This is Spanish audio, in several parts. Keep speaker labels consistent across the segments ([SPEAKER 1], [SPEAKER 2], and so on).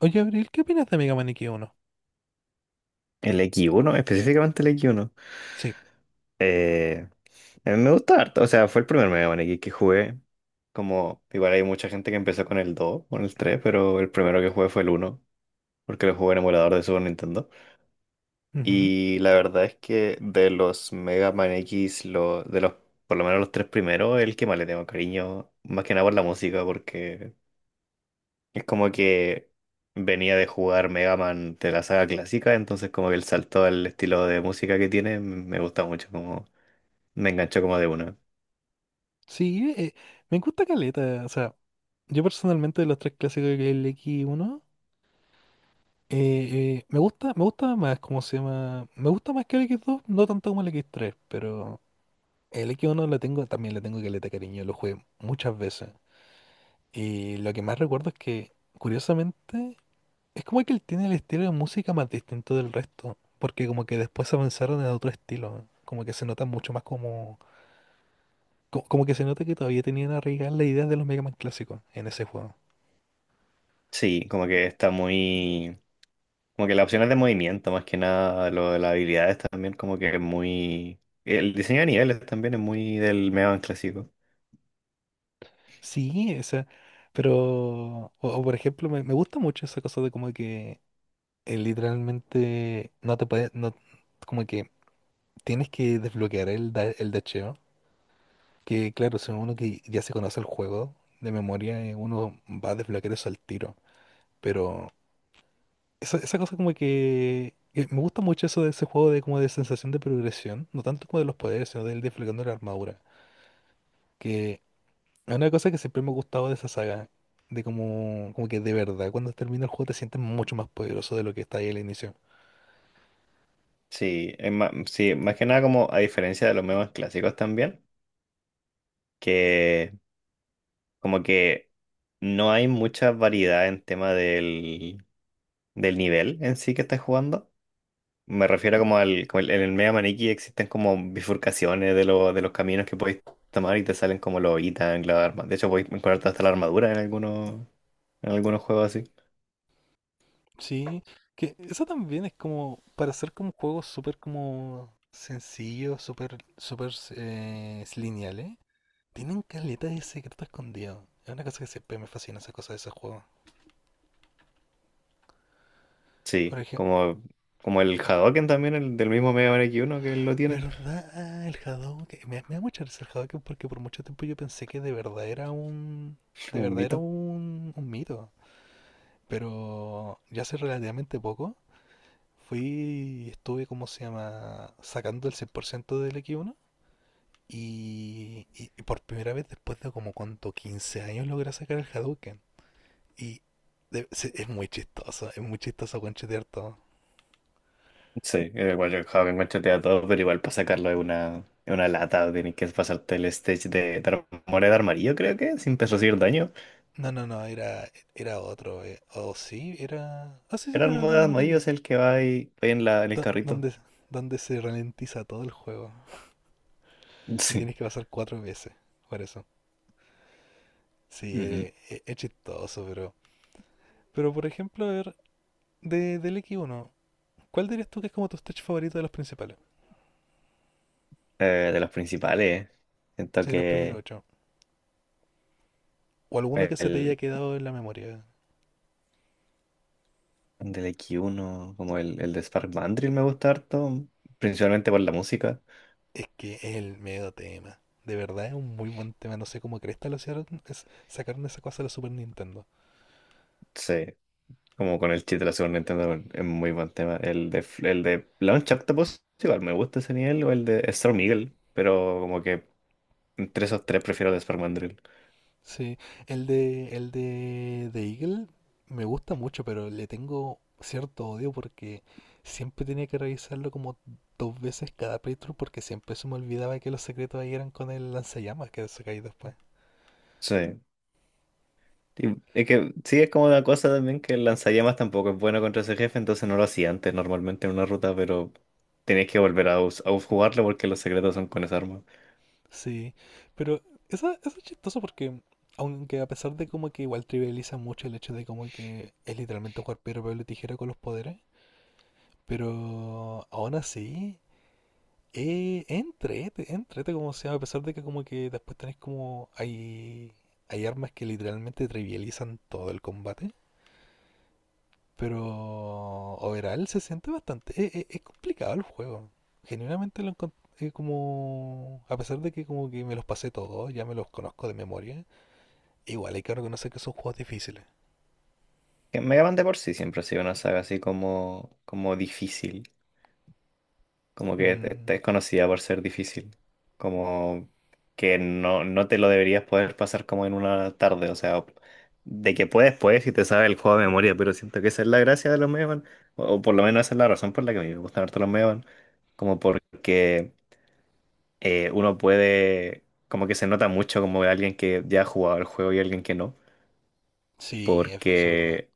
[SPEAKER 1] Oye, Abril, ¿qué opinas de Mega Man X1?
[SPEAKER 2] El x uno, específicamente el x uno.
[SPEAKER 1] Sí.
[SPEAKER 2] Eh, a mí me gusta harto, o sea, fue el primer Mega Man X que jugué. Como, igual hay mucha gente que empezó con el 2 o con el tres, pero el primero que jugué fue el uno, porque lo jugué en emulador de Super Nintendo.
[SPEAKER 1] Ujú.
[SPEAKER 2] Y la verdad es que de los Mega Man X, por lo menos los tres primeros, el que más le tengo cariño, más que nada por la música, porque es como que venía de jugar Mega Man de la saga clásica, entonces como que el salto al estilo de música que tiene me gusta mucho, como me enganchó como de una.
[SPEAKER 1] Sí, me gusta caleta. O sea, yo personalmente de los tres clásicos del X1, eh, me gusta más, ¿cómo se llama? Me gusta más que el X2, no tanto como el X3, pero el X1 lo tengo, también le tengo caleta, cariño, lo jugué muchas veces. Y lo que más recuerdo es que, curiosamente, es como que él tiene el estilo de música más distinto del resto, porque como que después avanzaron en otro estilo, como que se nota mucho más como como que se nota que todavía tenían arraigadas las ideas de los Mega Man clásicos en ese juego.
[SPEAKER 2] Sí, como que está muy... Como que las opciones de movimiento, más que nada, lo de las habilidades también, como que es muy... El diseño de niveles también es muy del Mega Man clásico.
[SPEAKER 1] Sí, o sea, pero, o por ejemplo, me gusta mucho esa cosa de como que literalmente no te puedes, no, como que tienes que desbloquear el dasheo, que claro, si uno que ya se conoce el juego de memoria, uno va a desbloquear eso al tiro, pero esa cosa como que me gusta mucho eso de ese juego de como de sensación de progresión, no tanto como de los poderes, sino del desbloqueando la armadura. Que Es una cosa que siempre me ha gustado de esa saga, de como que de verdad, cuando termina el juego te sientes mucho más poderoso de lo que está ahí al inicio.
[SPEAKER 2] Sí, sí, más que nada como a diferencia de los Mega Man clásicos también, que como que no hay mucha variedad en tema del nivel en sí que estás jugando. Me refiero como al, como el- en el Mega Maniki existen como bifurcaciones de los caminos que podéis tomar y te salen como los ítems, las armas. De hecho, podéis encontrarte hasta la armadura en algunos juegos así.
[SPEAKER 1] Sí, que eso también es como para hacer como juegos súper como sencillos, súper súper lineales. Tienen caleta de secreto escondido. Es una cosa que siempre me fascina esa cosa de ese juego. Por
[SPEAKER 2] Sí,
[SPEAKER 1] ejemplo,
[SPEAKER 2] como, como el Hadoken también, el del mismo Mega Man X1 que lo tienen,
[SPEAKER 1] ¿verdad? El Hadouken. Me da mucha risa el Hadouken porque por mucho tiempo yo pensé que de verdad era un... De
[SPEAKER 2] como un
[SPEAKER 1] verdad era
[SPEAKER 2] mito.
[SPEAKER 1] un mito. Pero ya hace relativamente poco fui y estuve, ¿cómo se llama? Sacando el 100% del X1. Y por primera vez, después de como cuánto, 15 años, logré sacar el Hadouken. Y es muy chistoso conchetear todo.
[SPEAKER 2] Sí, igual el Hadoken machetea todo, pero igual para sacarlo es una lata, tienes que pasarte el stage de armadura de armarillo, creo que, sin recibir daño.
[SPEAKER 1] No, no, no, era otro. O sí, era. Ah, sí, sí,
[SPEAKER 2] Era
[SPEAKER 1] pero el de
[SPEAKER 2] Armadillos
[SPEAKER 1] amarillo.
[SPEAKER 2] el que va ahí en el
[SPEAKER 1] Do-
[SPEAKER 2] carrito.
[SPEAKER 1] Donde, donde se ralentiza todo el juego. Y
[SPEAKER 2] Sí.
[SPEAKER 1] tienes que pasar cuatro veces. Por eso. Sí,
[SPEAKER 2] Ujú.
[SPEAKER 1] es chistoso, pero. Pero por ejemplo, a ver, del X1, ¿cuál dirías tú que es como tu stage favorito de los principales?
[SPEAKER 2] De los principales. Siento
[SPEAKER 1] Sí, de los primeros
[SPEAKER 2] que
[SPEAKER 1] ocho. O alguno que se te haya
[SPEAKER 2] el
[SPEAKER 1] quedado en la memoria.
[SPEAKER 2] del x uno, como el de Spark Mandrill, me gusta harto, principalmente por la música.
[SPEAKER 1] Es que es el medio tema. De verdad es un muy buen tema. No sé cómo cresta lo hicieron. Sacaron esa cosa de la Super Nintendo.
[SPEAKER 2] Sí, como con el chip de la Super Nintendo es muy buen tema. El de Launch Octopus, igual me gusta ese nivel, o el de Storm Eagle, pero como que entre esos tres prefiero el de Spark Mandrill.
[SPEAKER 1] Sí, de Eagle me gusta mucho, pero le tengo cierto odio porque siempre tenía que revisarlo como dos veces cada playthrough porque siempre se me olvidaba que los secretos ahí eran con el lanzallamas que sacáis después.
[SPEAKER 2] Sí. Y es que sí, es como una cosa también que el lanzallamas tampoco es bueno contra ese jefe, entonces no lo hacía antes normalmente en una ruta, pero tenéis que volver a, a jugarlo porque los secretos son con esa arma.
[SPEAKER 1] Sí, pero eso es chistoso porque, aunque a pesar de como que igual trivializa mucho el hecho de como que es literalmente jugar piedra, papel y tijera con los poderes, pero aún así, entrete como sea, a pesar de que como que después tenés como, hay armas que literalmente trivializan todo el combate, pero overall se siente bastante, es complicado el juego, genuinamente lo encontré como, a pesar de que como que me los pasé todos, ya me los conozco de memoria. Igual hay que reconocer que son juegos difíciles.
[SPEAKER 2] Que Mega Man de por sí siempre ha sido una saga así como, como difícil. Como que
[SPEAKER 1] Mm.
[SPEAKER 2] te es conocida por ser difícil. Como que no, no te lo deberías poder pasar como en una tarde. O sea, de que puedes, puedes y te sabe el juego de memoria, pero siento que esa es la gracia de los Megaman. O por lo menos esa es la razón por la que a mí me gustan harto los Megaman. Como porque uno puede. Como que se nota mucho como alguien que ya ha jugado el juego y alguien que no.
[SPEAKER 1] Sí, eso es verdad.
[SPEAKER 2] Porque.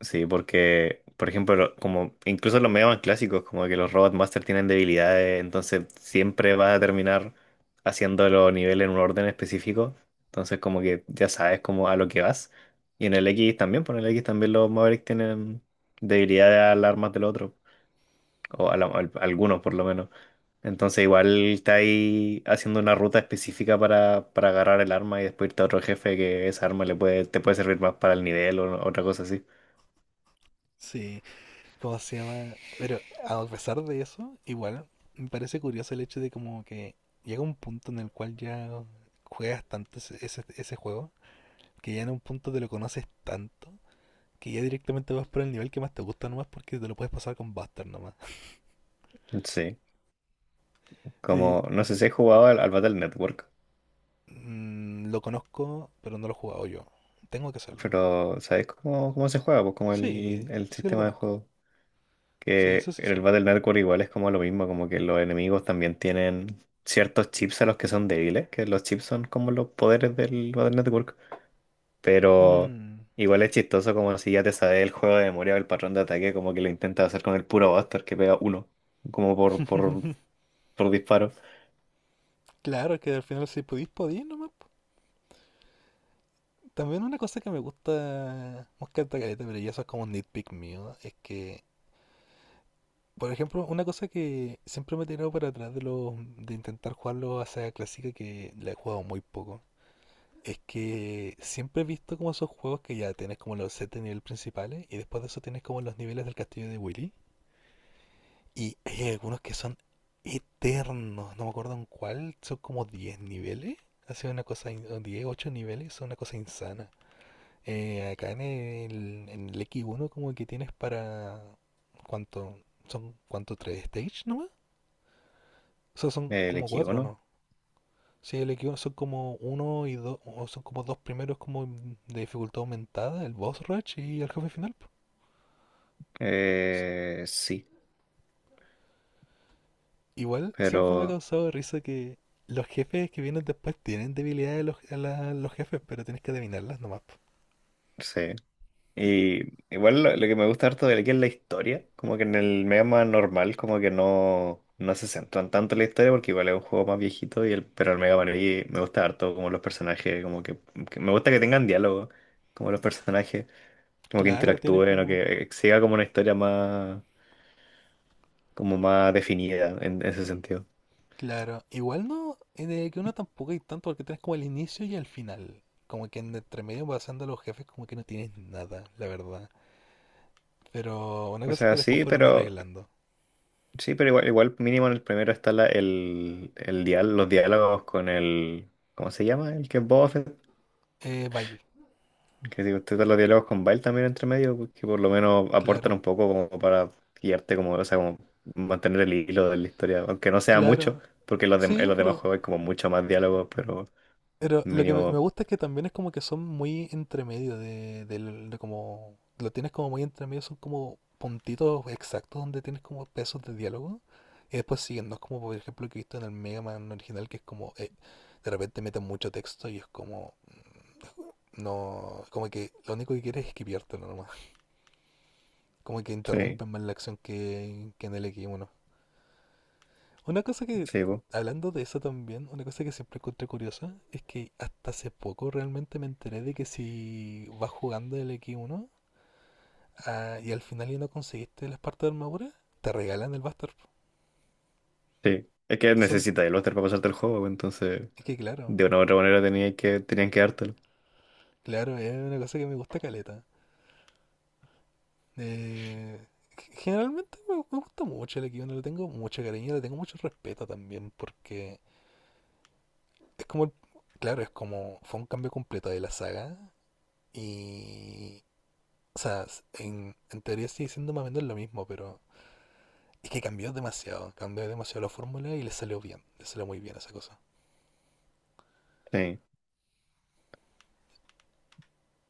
[SPEAKER 2] Sí, porque, por ejemplo, como incluso los medios más clásicos, como que los Robot Master tienen debilidades, entonces siempre va a terminar haciendo los niveles en un orden específico. Entonces, como que ya sabes como a lo que vas. Y en el X también, por el X también los Mavericks tienen debilidades a las armas del otro, o algunos por lo menos. Entonces, igual está ahí haciendo una ruta específica para agarrar el arma y después irte a otro jefe que esa arma le puede, te puede servir más para el nivel o otra cosa así.
[SPEAKER 1] Sí, ¿cómo se llama? Pero a pesar de eso, igual me parece curioso el hecho de como que llega un punto en el cual ya juegas tanto ese juego, que ya en un punto te lo conoces tanto, que ya directamente vas por el nivel que más te gusta nomás porque te lo puedes pasar con Buster nomás.
[SPEAKER 2] Sí.
[SPEAKER 1] Y
[SPEAKER 2] Como, no sé si he jugado al Battle Network,
[SPEAKER 1] lo conozco, pero no lo he jugado yo. Tengo que hacerlo.
[SPEAKER 2] pero ¿sabes cómo, cómo se juega? Pues como
[SPEAKER 1] Sí,
[SPEAKER 2] el
[SPEAKER 1] sí lo
[SPEAKER 2] sistema de
[SPEAKER 1] conozco.
[SPEAKER 2] juego.
[SPEAKER 1] Sí, eso
[SPEAKER 2] Que
[SPEAKER 1] sí
[SPEAKER 2] en el
[SPEAKER 1] sé.
[SPEAKER 2] Battle Network igual es como lo mismo, como que los enemigos también tienen ciertos chips a los que son débiles, que los chips son como los poderes del Battle Network. Pero
[SPEAKER 1] Mm.
[SPEAKER 2] igual es chistoso como si ya te sabes el juego de memoria o el patrón de ataque, como que lo intentas hacer con el puro Buster que pega uno, como por disparo.
[SPEAKER 1] Claro, que al final si pudís, podís nomás, po. También una cosa que me gusta, me encanta caleta, pero ya eso es como un nitpick mío, es que, por ejemplo, una cosa que siempre me he tirado para atrás de intentar jugarlo a Saga Clásica, que la he jugado muy poco, es que siempre he visto como esos juegos que ya tienes como los sets de nivel principales y después de eso tienes como los niveles del castillo de Willy. Y hay algunos que son eternos, no me acuerdo en cuál, son como 10 niveles. Ha sido una cosa, o 10, 8 niveles, son una cosa insana. Acá en el X1 como que tienes para. ¿Cuánto? ¿Son cuánto? ¿Tres stage nomás? O sea, son
[SPEAKER 2] El
[SPEAKER 1] como
[SPEAKER 2] equipo,
[SPEAKER 1] cuatro,
[SPEAKER 2] ¿no?
[SPEAKER 1] ¿no? Sí, el X1 son como uno y dos, o son como dos primeros como de dificultad aumentada, el boss rush y el jefe final, po. S-
[SPEAKER 2] Sí,
[SPEAKER 1] Igual siempre me ha
[SPEAKER 2] pero...
[SPEAKER 1] causado risa que los jefes que vienen después tienen debilidades a los, los jefes, pero tienes que adivinarlas nomás, po.
[SPEAKER 2] Sí. Y igual lo que me gusta harto de aquí es la historia, como que en el Mega Man normal como que no, no se centran tanto en la historia porque igual es un juego más viejito, pero el Mega Man X me gusta harto como los personajes, como que me gusta que tengan diálogo, como los personajes, como que
[SPEAKER 1] Claro, tiene
[SPEAKER 2] interactúen o
[SPEAKER 1] como.
[SPEAKER 2] que siga como una historia más, como más definida en ese sentido.
[SPEAKER 1] Claro, igual no, de que uno tampoco hay tanto porque tienes como el inicio y el final. Como que en entre medio pasando a los jefes como que no tienes nada, la verdad. Pero una
[SPEAKER 2] O
[SPEAKER 1] cosa es
[SPEAKER 2] sea,
[SPEAKER 1] que después fueron arreglando.
[SPEAKER 2] sí, pero igual, igual mínimo en el primero está la, el dial, los diálogos con el, ¿cómo se llama? El que es Boba Fett.
[SPEAKER 1] Bail,
[SPEAKER 2] Que si usted da los diálogos con Bile también entre medio, pues, que por lo menos aportan
[SPEAKER 1] claro.
[SPEAKER 2] un poco como para guiarte, como, o sea, como mantener el hilo de la historia, aunque no sea mucho,
[SPEAKER 1] Claro.
[SPEAKER 2] porque en en
[SPEAKER 1] Sí,
[SPEAKER 2] los demás
[SPEAKER 1] pero
[SPEAKER 2] juegos hay como mucho más diálogo, pero
[SPEAKER 1] Pero lo que me
[SPEAKER 2] mínimo,
[SPEAKER 1] gusta es que también es como que son muy entre medio de como. Lo tienes como muy entre medio, son como puntitos exactos donde tienes como pesos de diálogo. Y después siguen, no es como por ejemplo que he visto en el Mega Man original que es como de repente meten mucho texto y es como. No. Como que lo único que quieres es esquivártelo nomás. Como que
[SPEAKER 2] sí,
[SPEAKER 1] interrumpen más la acción que en el X1. Una cosa que,
[SPEAKER 2] sí, po,
[SPEAKER 1] hablando de eso también, una cosa que siempre encontré curiosa es que hasta hace poco realmente me enteré de que si vas jugando el X1, y al final ya no conseguiste las partes de armadura, te regalan el Buster, po.
[SPEAKER 2] sí. Es que
[SPEAKER 1] Eso n-
[SPEAKER 2] necesita el Oster para pasarte el juego, pues, entonces
[SPEAKER 1] es que claro,
[SPEAKER 2] de una u otra manera tenía que, tenían que dártelo.
[SPEAKER 1] claro, es una cosa que me gusta caleta. Eh, generalmente me gusta mucho el X1, le tengo mucho cariño, le tengo mucho respeto también porque es como, claro, es como, fue un cambio completo de la saga y o sea, en teoría sigue siendo más o menos lo mismo, pero es que cambió demasiado. Cambió demasiado la fórmula y le salió bien. Le salió muy bien esa cosa.
[SPEAKER 2] Sí.